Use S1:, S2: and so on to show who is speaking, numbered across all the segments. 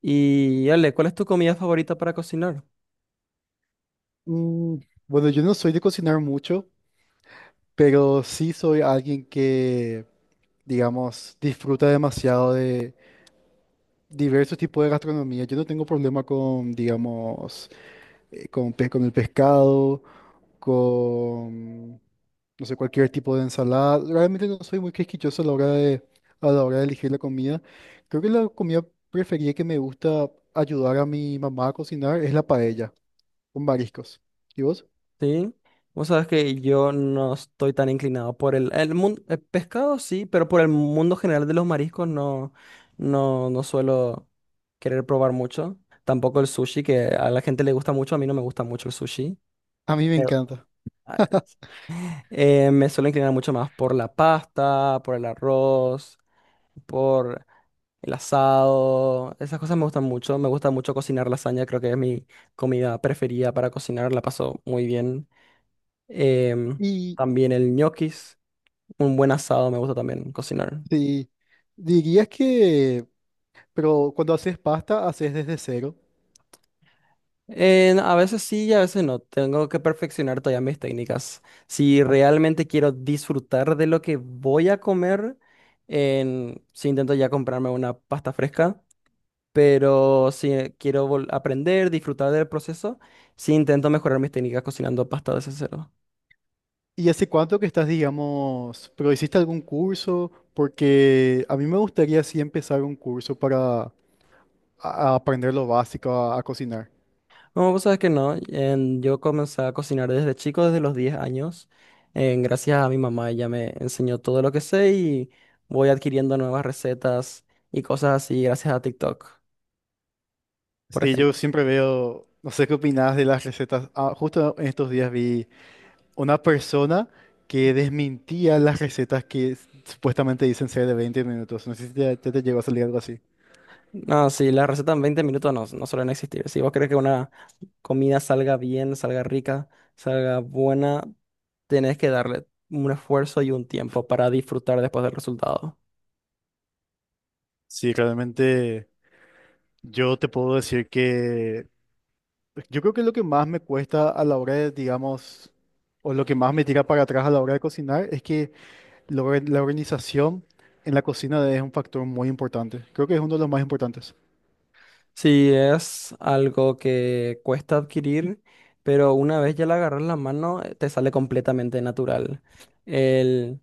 S1: Y Ale, ¿cuál es tu comida favorita para cocinar?
S2: Mm, bueno, yo no soy de cocinar mucho, pero sí soy alguien que, digamos, disfruta demasiado de diversos tipos de gastronomía. Yo no tengo problema con, digamos, con el pescado, con, no sé, cualquier tipo de ensalada. Realmente no soy muy quisquilloso a la hora de elegir la comida. Creo que la comida preferida que me gusta ayudar a mi mamá a cocinar es la paella con mariscos. ¿Y vos?
S1: Sí. Vos sabes que yo no estoy tan inclinado por el mundo, el pescado sí, pero por el mundo general de los mariscos no, no, no suelo querer probar mucho. Tampoco el sushi, que a la gente le gusta mucho, a mí no me gusta mucho el sushi.
S2: A mí me
S1: Pero,
S2: encanta.
S1: ah, me suelo inclinar mucho más por la pasta, por el arroz, por el asado, esas cosas me gustan mucho. Me gusta mucho cocinar lasaña, creo que es mi comida preferida para cocinar, la paso muy bien. Em,
S2: Y
S1: También el ñoquis, un buen asado me gusta también cocinar.
S2: Sí, dirías que, pero cuando haces pasta, haces desde cero.
S1: A veces sí y a veces no. Tengo que perfeccionar todavía mis técnicas. Si realmente quiero disfrutar de lo que voy a comer, si intento ya comprarme una pasta fresca. Pero si quiero aprender, disfrutar del proceso, sí intento mejorar mis técnicas cocinando pasta desde cero.
S2: ¿Y hace cuánto que estás, digamos, pero hiciste algún curso? Porque a mí me gustaría sí empezar un curso para a aprender lo básico a cocinar.
S1: No, vos sabes que no. Yo comencé a cocinar desde chico, desde los 10 años. Gracias a mi mamá, ella me enseñó todo lo que sé y voy adquiriendo nuevas recetas y cosas así gracias a TikTok, por
S2: Sí, yo
S1: ejemplo.
S2: siempre veo, no sé qué opinas de las recetas. Ah, justo en estos días vi una persona que desmentía las recetas que supuestamente dicen ser de 20 minutos. No sé si ya te llegó a salir algo así.
S1: No, sí, las recetas en 20 minutos no, no suelen existir. Si vos querés que una comida salga bien, salga rica, salga buena, tenés que darle un esfuerzo y un tiempo para disfrutar después del resultado.
S2: Sí, realmente. Yo te puedo decir que yo creo que lo que más me cuesta a la hora de, digamos, o lo que más me tira para atrás a la hora de cocinar es que la organización en la cocina es un factor muy importante. Creo que es uno de los más importantes.
S1: Sí, es algo que cuesta adquirir, pero una vez ya le agarras la mano, te sale completamente natural. El,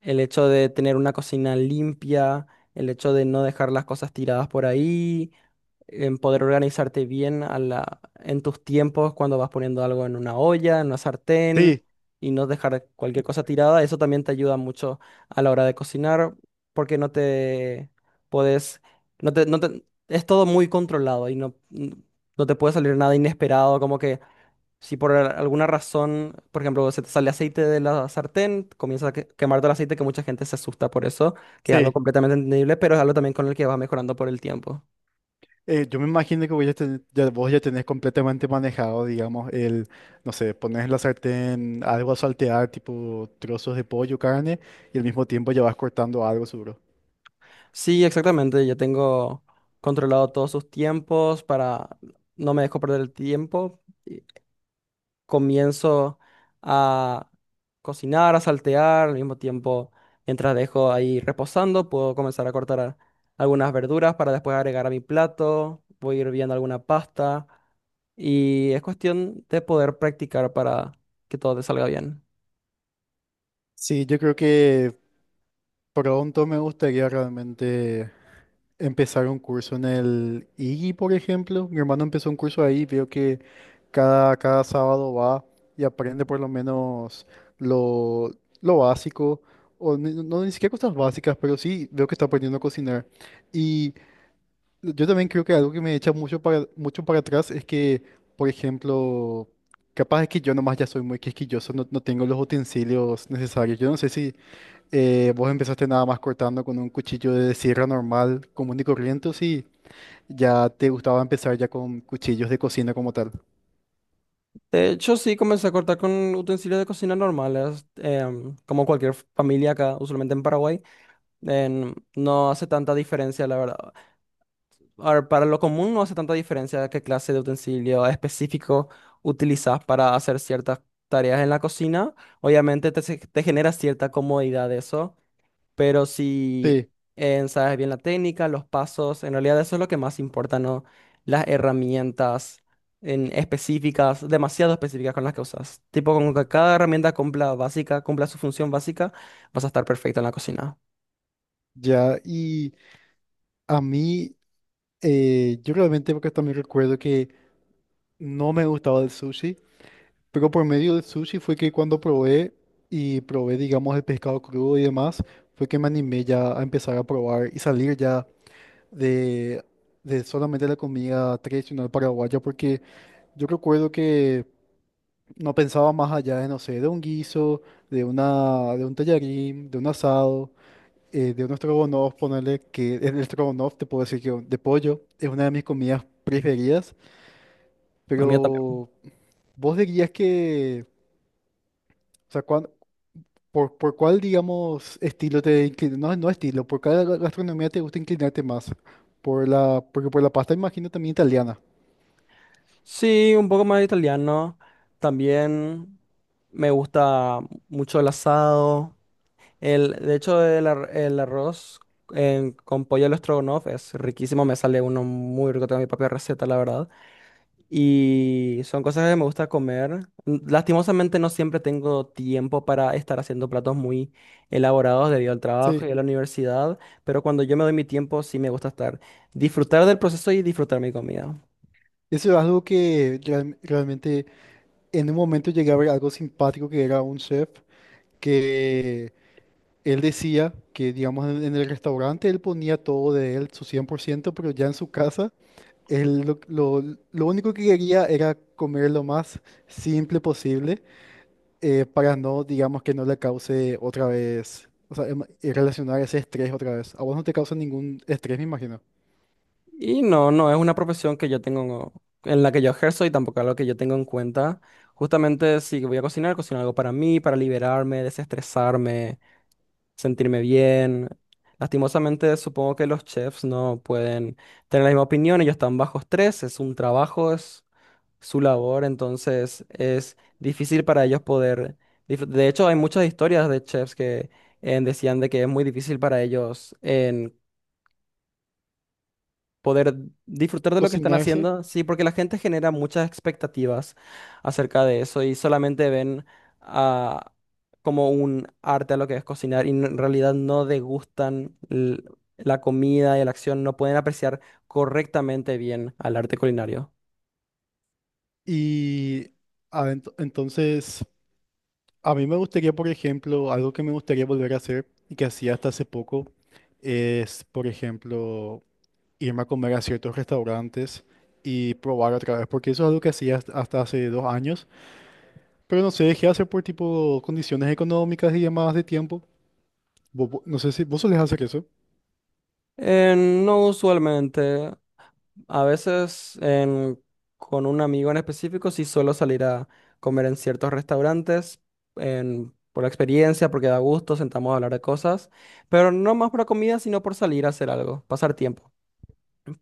S1: el hecho de tener una cocina limpia, el hecho de no dejar las cosas tiradas por ahí, en poder organizarte bien a en tus tiempos cuando vas poniendo algo en una olla, en una sartén
S2: Sí,
S1: y no dejar cualquier cosa tirada. Eso también te ayuda mucho a la hora de cocinar porque no te puedes, no te- es todo muy controlado y no, no te puede salir nada inesperado, como que si por alguna razón, por ejemplo, se te sale aceite de la sartén, comienza a quemarte el aceite, que mucha gente se asusta por eso, que es algo
S2: sí.
S1: completamente entendible, pero es algo también con el que vas mejorando por el tiempo.
S2: Yo me imagino que vos ya tenés completamente manejado, digamos, el, no sé, pones en la sartén algo a saltear, tipo trozos de pollo, carne, y al mismo tiempo ya vas cortando algo seguro.
S1: Sí, exactamente. Ya tengo controlado todos sus tiempos para no me dejo perder el tiempo. Comienzo a cocinar, a saltear, al mismo tiempo, mientras dejo ahí reposando, puedo comenzar a cortar algunas verduras para después agregar a mi plato. Voy hirviendo alguna pasta y es cuestión de poder practicar para que todo te salga bien.
S2: Sí, yo creo que pronto me gustaría realmente empezar un curso en el IGI, por ejemplo. Mi hermano empezó un curso ahí, veo que cada sábado va y aprende por lo menos lo, lo básico, o no, ni siquiera cosas básicas, pero sí veo que está aprendiendo a cocinar. Yo también creo que algo que me echa mucho para atrás es que, por ejemplo, capaz es que yo nomás ya soy muy quisquilloso, no tengo los utensilios necesarios. Yo no sé si vos empezaste nada más cortando con un cuchillo de sierra normal, común y corriente, o si ya te gustaba empezar ya con cuchillos de cocina como tal.
S1: De hecho, sí, comencé a cortar con utensilios de cocina normales, como cualquier familia acá, usualmente en Paraguay. No hace tanta diferencia, la verdad. A ver, para lo común no hace tanta diferencia qué clase de utensilio específico utilizas para hacer ciertas tareas en la cocina. Obviamente te genera cierta comodidad eso. Pero si
S2: Sí,
S1: sabes bien la técnica, los pasos, en realidad eso es lo que más importa, ¿no? Las herramientas en específicas, demasiado específicas con las que usas. Tipo, con que cada herramienta cumpla básica, cumpla su función básica, vas a estar perfecto en la cocina.
S2: ya. Y a mí, yo realmente porque también recuerdo que no me gustaba el sushi. Pero por medio del sushi fue que cuando probé y probé, digamos, el pescado crudo y demás, fue que me animé ya a empezar a probar y salir ya de, de, solamente la comida tradicional paraguaya, porque yo recuerdo que no pensaba más allá de, no sé, de un guiso, de un tallarín, de un asado, de un estrogonoff, ponerle que el estrogonoff, te puedo decir que de pollo es una de mis comidas preferidas,
S1: La mía también.
S2: pero vos dirías que... O sea, ¿Por cuál, digamos, estilo te inclinas? No, no estilo, ¿por cuál gastronomía te gusta inclinarte más? Porque por la pasta imagino también italiana.
S1: Sí, un poco más italiano. También me gusta mucho el asado. De hecho, el arroz con pollo al estrogonoff es riquísimo. Me sale uno muy rico. Tengo mi propia receta, la verdad. Y son cosas que me gusta comer. Lastimosamente no siempre tengo tiempo para estar haciendo platos muy elaborados debido al trabajo
S2: Sí.
S1: y a la universidad, pero cuando yo me doy mi tiempo sí me gusta estar, disfrutar del proceso y disfrutar mi comida.
S2: Eso es algo que realmente en un momento llegué a ver algo simpático que era un chef que él decía que, digamos, en el restaurante él ponía todo de él, su 100%, pero ya en su casa él lo, lo único que quería era comer lo más simple posible, para no, digamos, que no le cause otra vez, o sea, relacionar ese estrés otra vez. A vos no te causa ningún estrés, me imagino.
S1: Y no, no es una profesión que yo tengo, en la que yo ejerzo y tampoco algo que yo tengo en cuenta. Cuenta. Justamente si voy a cocinar, cocino algo para mí, para liberarme, desestresarme. Sentirme bien. Lastimosamente, supongo que los chefs no pueden tener la misma opinión, ellos están bajo estrés, es un trabajo, es su labor, entonces es difícil para ellos poder... De hecho, hay muchas historias de chefs que decían de que es muy difícil para ellos poder disfrutar de lo que están
S2: Cocinarse.
S1: haciendo. Sí, porque la gente genera muchas expectativas acerca de eso y solamente ven ah, como un arte a lo que es cocinar y en realidad no degustan la comida y la acción, no pueden apreciar correctamente bien al arte culinario.
S2: Y entonces, a mí me gustaría, por ejemplo, algo que me gustaría volver a hacer y que hacía hasta hace poco, es, por ejemplo, irme a comer a ciertos restaurantes y probar otra vez, porque eso es algo que hacía hasta hace 2 años, pero no sé, dejé de hacer por tipo condiciones económicas y demás de tiempo. No sé si vos solés hacer eso.
S1: No usualmente. A veces con un amigo en específico sí suelo salir a comer en ciertos restaurantes por la experiencia, porque da gusto, sentamos a hablar de cosas, pero no más por la comida, sino por salir a hacer algo, pasar tiempo.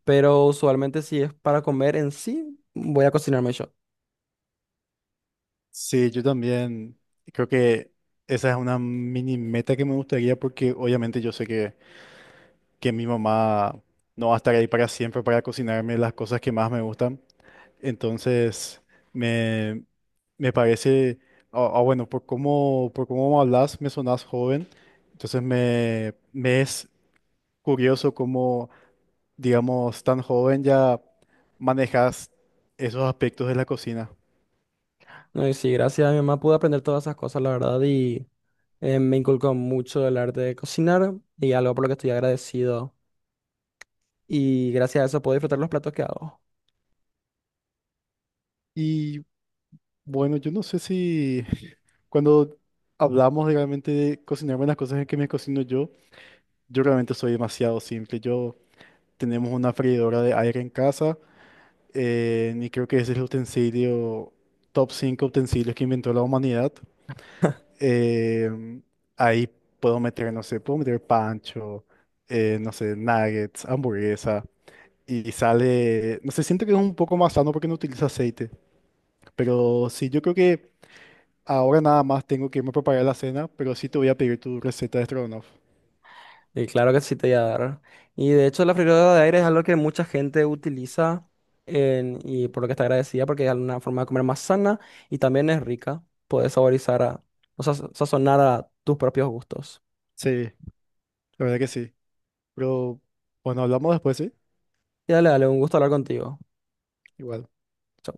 S1: Pero usualmente si es para comer en sí, voy a cocinarme yo.
S2: Sí, yo también creo que esa es una mini meta que me gustaría porque obviamente yo sé que, mi mamá no va a estar ahí para siempre para cocinarme las cosas que más me gustan. Entonces, me, me parece, bueno, por cómo hablas, me sonás joven. Entonces, me es curioso cómo, digamos, tan joven ya manejas esos aspectos de la cocina.
S1: No, y sí, gracias a mi mamá pude aprender todas esas cosas, la verdad, y me inculcó mucho el arte de cocinar y algo por lo que estoy agradecido. Y gracias a eso puedo disfrutar los platos que hago.
S2: Y Bueno, yo no sé si cuando hablamos de realmente de cocinar buenas cosas que me cocino yo realmente soy demasiado simple. Yo tenemos una freidora de aire en casa, y creo que ese es el utensilio, top 5 utensilios que inventó la humanidad. Em, ahí puedo meter, no sé, puedo meter pancho, no sé, nuggets, hamburguesa, y sale, no sé, siento que es un poco más sano porque no utiliza aceite, pero sí, yo creo que... Ahora nada más tengo que irme a preparar la cena, pero sí te voy a pedir tu receta de Strogonoff.
S1: Y claro que sí te voy a dar. Y de hecho la freidora de aire es algo que mucha gente utiliza y por lo que está agradecida porque es una forma de comer más sana y también es rica. Puedes saborizar a, o sea, sazonar a tus propios gustos.
S2: Sí, la verdad que sí. Pero bueno, hablamos después, ¿sí?
S1: Y dale, dale, un gusto hablar contigo.
S2: Igual.
S1: Chau.